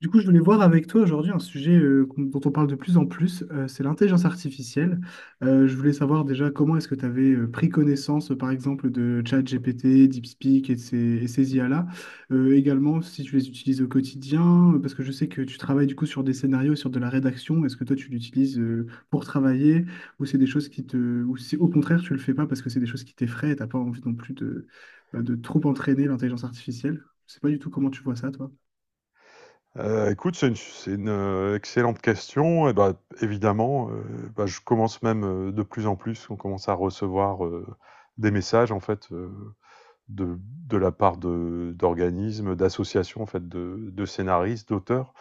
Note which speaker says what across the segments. Speaker 1: Du coup, je voulais voir avec toi aujourd'hui un sujet dont on parle de plus en plus, c'est l'intelligence artificielle. Je voulais savoir déjà comment est-ce que tu avais pris connaissance, par exemple, de ChatGPT, DeepSpeak et ces IA-là. Également, si tu les utilises au quotidien, parce que je sais que tu travailles du coup sur des scénarios, sur de la rédaction. Est-ce que toi, tu l'utilises pour travailler ou c'est des choses qui ou si au contraire, tu le fais pas parce que c'est des choses qui t'effraient et t'as pas envie non plus bah, de trop entraîner l'intelligence artificielle. Je sais pas du tout comment tu vois ça, toi.
Speaker 2: Écoute, c'est une excellente question. Évidemment, heu, je commence même, de plus en plus, on commence à recevoir, des messages en fait, de de la part de d'organismes, d'associations en fait de scénaristes, d'auteurs,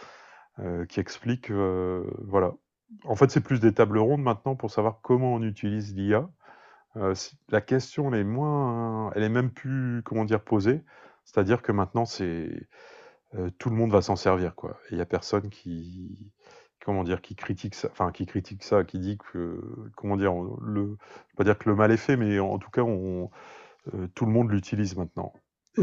Speaker 2: qui expliquent, voilà. En fait, c'est plus des tables rondes maintenant pour savoir comment on utilise l'IA. C La question, elle est moins elle est même plus, comment dire, posée. C'est-à-dire que maintenant, c'est tout le monde va s'en servir, quoi. Et il n'y a personne qui, comment dire, qui critique ça, qui dit que, comment dire, je vais pas dire que le mal est fait, mais en tout cas, tout le monde l'utilise maintenant.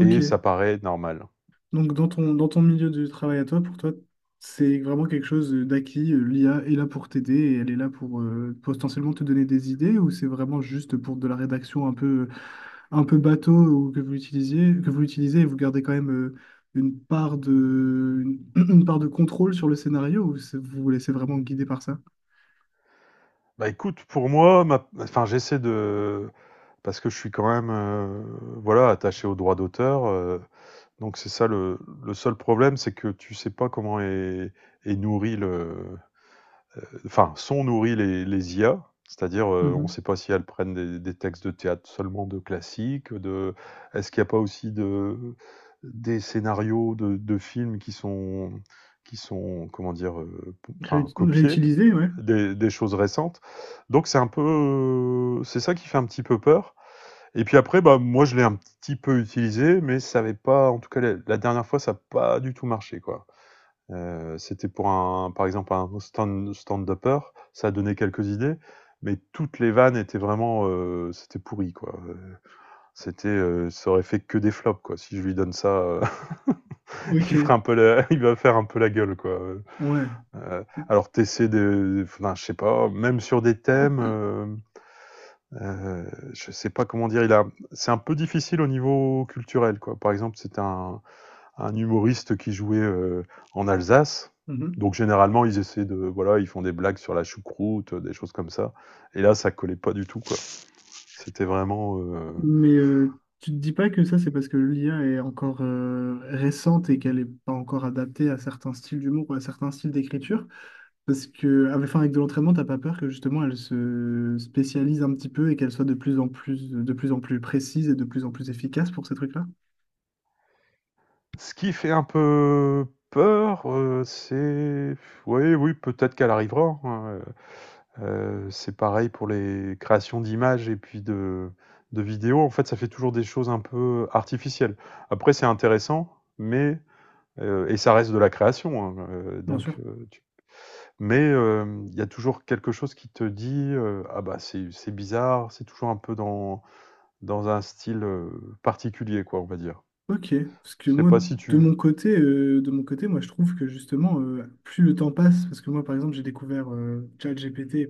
Speaker 2: Et ça paraît normal.
Speaker 1: Donc, dans ton milieu de travail à toi, pour toi, c'est vraiment quelque chose d'acquis. L'IA est là pour t'aider et elle est là pour potentiellement te donner des idées, ou c'est vraiment juste pour de la rédaction un peu bateau, ou que vous utilisez et vous gardez quand même une part de, une, une part de contrôle sur le scénario, ou vous vous laissez vraiment guider par ça?
Speaker 2: Bah écoute, pour moi, enfin, j'essaie de, parce que je suis quand même, voilà, attaché aux droits d'auteur. Donc c'est ça, le seul problème, c'est que tu sais pas est nourri, sont nourris les IA. C'est-à-dire, on ne
Speaker 1: Mhm.
Speaker 2: sait pas si elles prennent des textes de théâtre seulement de classiques, de... est-ce qu'il n'y a pas aussi des scénarios de films qui sont, qui sont, comment dire, copiés,
Speaker 1: Réutiliser, ouais.
Speaker 2: des choses récentes. Donc c'est un peu, c'est ça qui fait un petit peu peur. Et puis après, bah, moi je l'ai un petit peu utilisé, mais ça n'avait pas, en tout cas la dernière fois, ça n'a pas du tout marché, quoi. C'était pour un par exemple un stand-upper, ça a donné quelques idées, mais toutes les vannes étaient vraiment, c'était pourri, quoi, ça aurait fait que des flops, quoi. Si je lui donne ça, il fera
Speaker 1: Ok,
Speaker 2: un peu la il va faire un peu la gueule, quoi,
Speaker 1: ouais.
Speaker 2: alors tu de enfin je sais pas, même sur des thèmes, je sais pas comment dire, il a c'est un peu difficile au niveau culturel, quoi. Par exemple, c'était un humoriste qui jouait en Alsace.
Speaker 1: Mhm.
Speaker 2: Donc généralement, ils essaient de, voilà, ils font des blagues sur la choucroute, des choses comme ça. Et là, ça collait pas du tout, quoi. C'était vraiment,
Speaker 1: Mais tu te dis pas que ça, c'est parce que l'IA est encore récente et qu'elle n'est pas encore adaptée à certains styles d'humour ou à certains styles d'écriture? Parce que, enfin, avec de l'entraînement, t'as pas peur que justement elle se spécialise un petit peu et qu'elle soit de plus en plus précise et de plus en plus efficace pour ces trucs-là?
Speaker 2: ce qui fait un peu peur, c'est oui, oui, peut-être qu'elle arrivera, hein, c'est pareil pour les créations d'images et puis de vidéos. En fait, ça fait toujours des choses un peu artificielles. Après, c'est intéressant, mais et ça reste de la création, hein,
Speaker 1: Bien
Speaker 2: donc,
Speaker 1: sûr.
Speaker 2: tu mais il y a toujours quelque chose qui te dit, «Ah bah, c'est bizarre», c'est toujours un peu dans un style, particulier, quoi, on va dire.
Speaker 1: Ok, parce que
Speaker 2: Je sais
Speaker 1: moi,
Speaker 2: pas si tu
Speaker 1: de mon côté, moi, je trouve que justement, plus le temps passe, parce que moi, par exemple, j'ai découvert ChatGPT.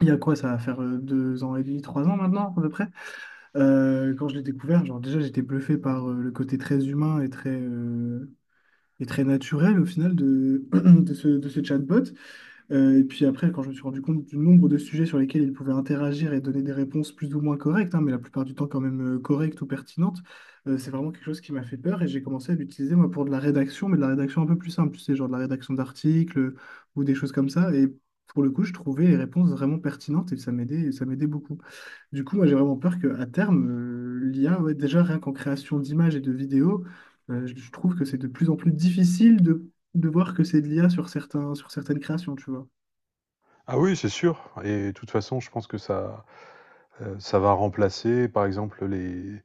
Speaker 1: Il y a quoi, ça va faire 2 ans et demi, 3 ans maintenant, à peu près. Quand je l'ai découvert, genre déjà, j'étais bluffé par le côté très humain et très naturel au final de ce chatbot. Et puis après, quand je me suis rendu compte du nombre de sujets sur lesquels ils pouvaient interagir et donner des réponses plus ou moins correctes, hein, mais la plupart du temps quand même correctes ou pertinentes, c'est vraiment quelque chose qui m'a fait peur et j'ai commencé à l'utiliser moi pour de la rédaction, mais de la rédaction un peu plus simple, tu sais, genre de la rédaction d'articles ou des choses comme ça. Et pour le coup, je trouvais les réponses vraiment pertinentes et ça ça m'aidait beaucoup. Du coup, moi j'ai vraiment peur qu'à terme, l'IA, ouais, déjà rien qu'en création d'images et de vidéos, je trouve que c'est de plus en plus difficile de voir que c'est de l'IA sur sur certaines créations, tu vois.
Speaker 2: ah oui, c'est sûr, et de toute façon, je pense que ça va remplacer par exemple les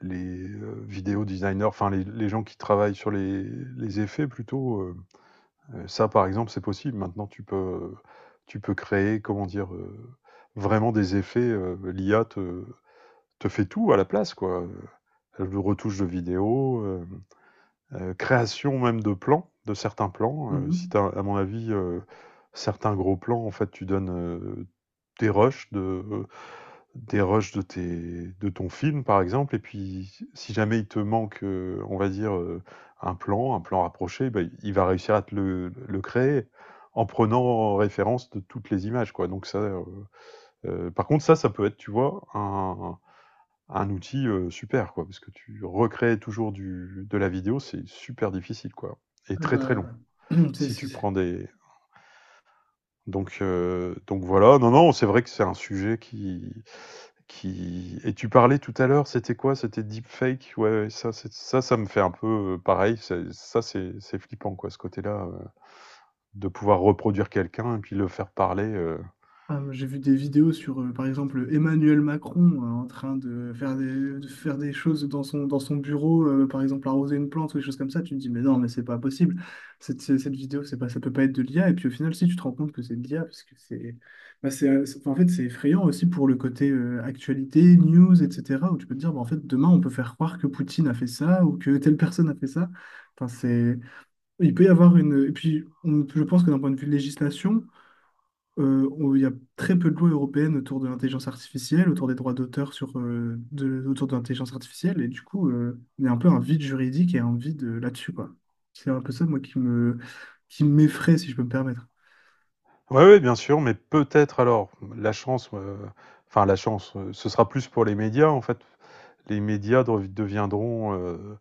Speaker 2: les, heu, vidéo designers, enfin les gens qui travaillent sur les effets plutôt, ça par exemple, c'est possible. Maintenant tu peux créer, comment dire, vraiment des effets, l'IA te fait tout à la place, quoi, le retouche de vidéos, création même de plans, de certains plans, si
Speaker 1: Mhm.
Speaker 2: t'as à mon avis, certains gros plans, en fait, tu donnes, tes rushs de des rushs de ton film, par exemple, et puis si jamais il te manque, on va dire, un plan rapproché, bah, il va réussir à te le créer en prenant en référence de toutes les images, quoi, donc par contre, ça peut être, tu vois, un outil, super, quoi, parce que tu recrées toujours du de la vidéo, c'est super difficile, quoi, et
Speaker 1: Ah
Speaker 2: très, très long.
Speaker 1: bah, c'est-
Speaker 2: Si tu
Speaker 1: c'est-
Speaker 2: prends des donc voilà, non, non, c'est vrai que c'est un sujet qui et tu parlais tout à l'heure, c'était quoi? C'était deepfake? Ouais, ouais, ça ça me fait un peu, pareil, c'est ça c'est flippant, quoi, ce côté-là, de pouvoir reproduire quelqu'un et puis le faire parler,
Speaker 1: ah, moi, j'ai vu des vidéos sur, par exemple, Emmanuel Macron en train de de faire des choses dans dans son bureau, par exemple arroser une plante ou des choses comme ça. Tu te dis, mais non, mais c'est pas possible. Cette vidéo, c'est pas, ça peut pas être de l'IA. Et puis au final, si tu te rends compte que c'est de l'IA, parce que enfin, en fait, c'est effrayant aussi pour le côté actualité, news, etc., où tu peux te dire, bah, en fait, demain, on peut faire croire que Poutine a fait ça ou que telle personne a fait ça. Enfin, c'est Il peut y avoir une. Et puis, je pense que d'un point de vue législation, il y a très peu de lois européennes autour de l'intelligence artificielle, autour des droits d'auteur autour de l'intelligence artificielle. Et du coup, il y a un peu un vide juridique et un vide là-dessus, quoi. C'est un peu ça, qui qui m'effraie, si je peux me permettre.
Speaker 2: ouais, ouais, bien sûr, mais peut-être alors la chance, heu, la chance, ce sera plus pour les médias en fait. Les médias deviendront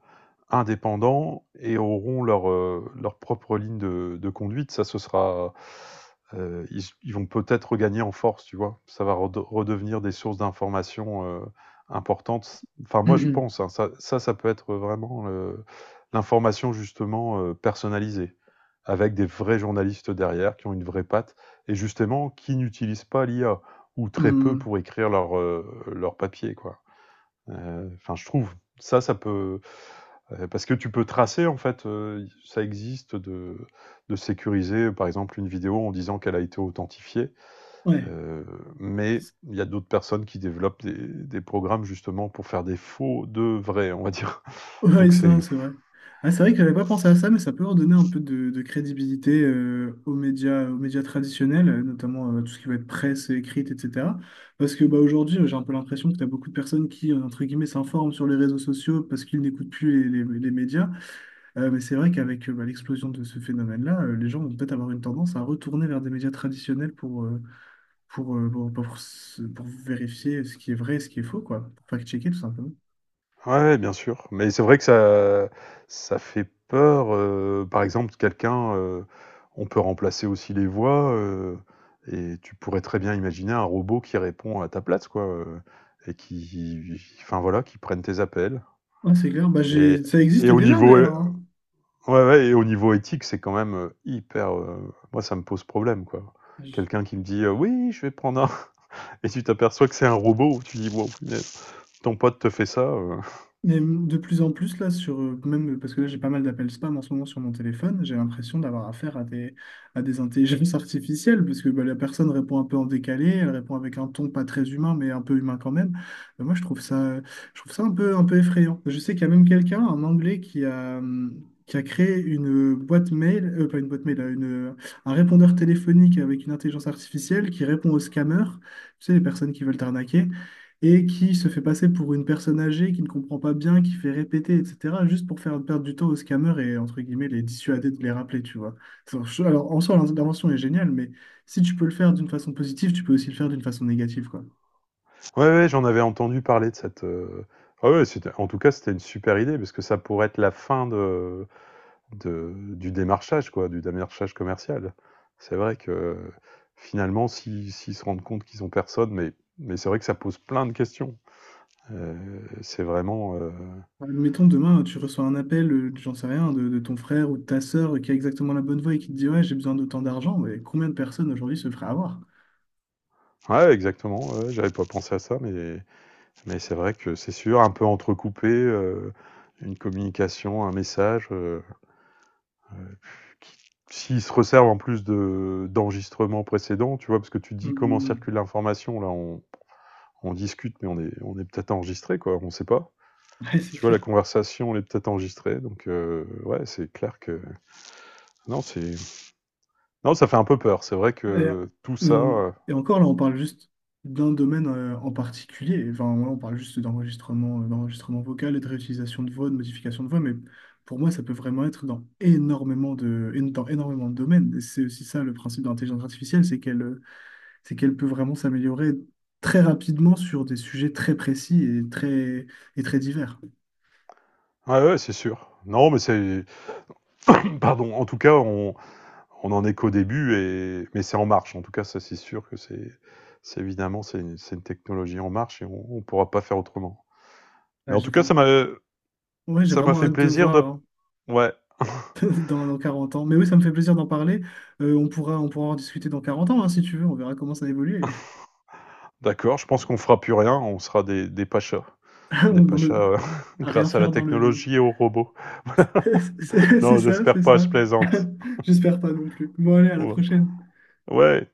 Speaker 2: indépendants et auront leur propre ligne de conduite. Ça, ce sera. Ils vont peut-être regagner en force, tu vois. Ça va redevenir des sources d'informations importantes. Enfin, moi, je pense, hein, ça peut être vraiment l'information, justement, personnalisée, avec des vrais journalistes derrière qui ont une vraie patte et justement qui n'utilisent pas l'IA ou très peu
Speaker 1: Hum,
Speaker 2: pour écrire leur papier, quoi. Je trouve. Ça peut, parce que tu peux tracer, en fait, ça existe de sécuriser, par exemple, une vidéo en disant qu'elle a été authentifiée,
Speaker 1: ouais.
Speaker 2: heu, mais il y a d'autres personnes qui développent des programmes justement pour faire des faux de vrais, on va dire.
Speaker 1: Ouais,
Speaker 2: Donc
Speaker 1: ça,
Speaker 2: c'est
Speaker 1: c'est vrai. Ah, c'est vrai que j'avais pas pensé à ça, mais ça peut redonner un peu de crédibilité aux médias traditionnels, notamment tout ce qui va être presse écrite, etc. Parce que bah, aujourd'hui, j'ai un peu l'impression que tu as beaucoup de personnes qui, entre guillemets, s'informent sur les réseaux sociaux parce qu'ils n'écoutent plus les médias. Mais c'est vrai qu'avec bah, l'explosion de ce phénomène-là, les gens vont peut-être avoir une tendance à retourner vers des médias traditionnels pour pour vérifier ce qui est vrai et ce qui est faux, quoi. Pour fact-checker, tout simplement.
Speaker 2: ouais, ouais, bien sûr, mais c'est vrai que ça fait peur, par exemple quelqu'un, on peut remplacer aussi les voix, et tu pourrais très bien imaginer un robot qui répond à ta place, quoi, et qui, enfin voilà, qui prenne tes appels
Speaker 1: Ouais, c'est clair. Bah,
Speaker 2: et
Speaker 1: j'ai... Ça existe
Speaker 2: et au
Speaker 1: déjà,
Speaker 2: niveau
Speaker 1: d'ailleurs, hein.
Speaker 2: ouais, ouais, et au niveau éthique, c'est quand même, hyper, moi, ça me pose problème, quoi.
Speaker 1: J-
Speaker 2: Quelqu'un qui me dit, «Oui, je vais prendre un» et tu t'aperçois que c'est un robot, tu dis: «Waouh punaise, ton pote te fait ça,»
Speaker 1: Mais de plus en plus là sur même parce que là j'ai pas mal d'appels spam en ce moment sur mon téléphone, j'ai l'impression d'avoir affaire à des intelligences artificielles parce que bah, la personne répond un peu en décalé, elle répond avec un ton pas très humain mais un peu humain quand même. Bah, moi je trouve ça un peu effrayant. Je sais qu'il y a même quelqu'un, un Anglais qui a créé pas une boîte mail, un répondeur téléphonique avec une intelligence artificielle qui répond aux scammers, tu sais, les personnes qui veulent t'arnaquer, et qui se fait passer pour une personne âgée qui ne comprend pas bien, qui fait répéter, etc., juste pour faire perdre du temps aux scammers et, entre guillemets, les dissuader de les rappeler, tu vois. Alors, en soi, l'intervention est géniale, mais si tu peux le faire d'une façon positive, tu peux aussi le faire d'une façon négative, quoi.
Speaker 2: Ouais, ouais, j'en avais entendu parler de cette. Ah ouais, c'était... En tout cas, c'était une super idée parce que ça pourrait être la fin de... du démarchage, quoi, du démarchage commercial. C'est vrai que finalement, s'ils se rendent compte qu'ils ont personne, mais c'est vrai que ça pose plein de questions. Euh, c'est vraiment.
Speaker 1: Admettons, demain, tu reçois un appel, j'en sais rien, de ton frère ou de ta sœur qui a exactement la bonne voix et qui te dit, ouais, j'ai besoin d'autant d'argent, mais combien de personnes aujourd'hui se feraient avoir?
Speaker 2: Ouais, exactement, ouais, j'avais pas pensé à ça, mais c'est vrai que c'est sûr, un peu entrecoupé, une communication, un message. S'ils se resservent en plus de d'enregistrements précédents, tu vois, parce que tu te
Speaker 1: Mm,
Speaker 2: dis comment
Speaker 1: mm, mm.
Speaker 2: circule l'information, là on discute, mais on est peut-être enregistré, quoi, on ne sait pas.
Speaker 1: Ouais, c'est
Speaker 2: Tu vois, la
Speaker 1: clair.
Speaker 2: conversation, elle est peut-être enregistrée, donc ouais, c'est clair que... Non, c'est... Non, ça fait un peu peur, c'est vrai
Speaker 1: Et,
Speaker 2: que tout
Speaker 1: et
Speaker 2: ça...
Speaker 1: on- et encore là, on parle juste d'un domaine en particulier. Enfin, là, on parle juste d'enregistrement, d'enregistrement vocal et de réutilisation de voix, de modification de voix. Mais pour moi, ça peut vraiment être dans énormément dans énormément de domaines. Et c'est aussi ça le principe de l'intelligence artificielle, c'est qu'elle peut vraiment s'améliorer très rapidement sur des sujets très précis et et très divers.
Speaker 2: ouais, ouais, c'est sûr. Non, mais c'est... Pardon, en tout cas, on en est qu'au début, et... mais c'est en marche, en tout cas, ça c'est sûr que c'est... C'est évidemment, c'est une technologie en marche et on ne pourra pas faire autrement. Mais
Speaker 1: Ouais,
Speaker 2: en
Speaker 1: j'ai
Speaker 2: tout cas,
Speaker 1: vra-
Speaker 2: ça m'a,
Speaker 1: Ouais, j'ai
Speaker 2: Ça m'a
Speaker 1: vraiment
Speaker 2: fait
Speaker 1: hâte de
Speaker 2: plaisir de.
Speaker 1: voir, hein,
Speaker 2: Ouais,
Speaker 1: dans 40 ans. Mais oui, ça me fait plaisir d'en parler. On pourra en discuter dans 40 ans, hein, si tu veux. On verra comment ça évolue.
Speaker 2: d'accord, je pense qu'on fera plus rien, on sera des pachas. Des
Speaker 1: On ne-
Speaker 2: pachas
Speaker 1: À rien
Speaker 2: grâce à la
Speaker 1: faire dans le lit.
Speaker 2: technologie et aux robots. Non, j'espère
Speaker 1: C'est
Speaker 2: pas, je
Speaker 1: ça.
Speaker 2: plaisante.
Speaker 1: J'espère pas non plus. Bon, allez, à la
Speaker 2: Ouais,
Speaker 1: prochaine.
Speaker 2: Ouais,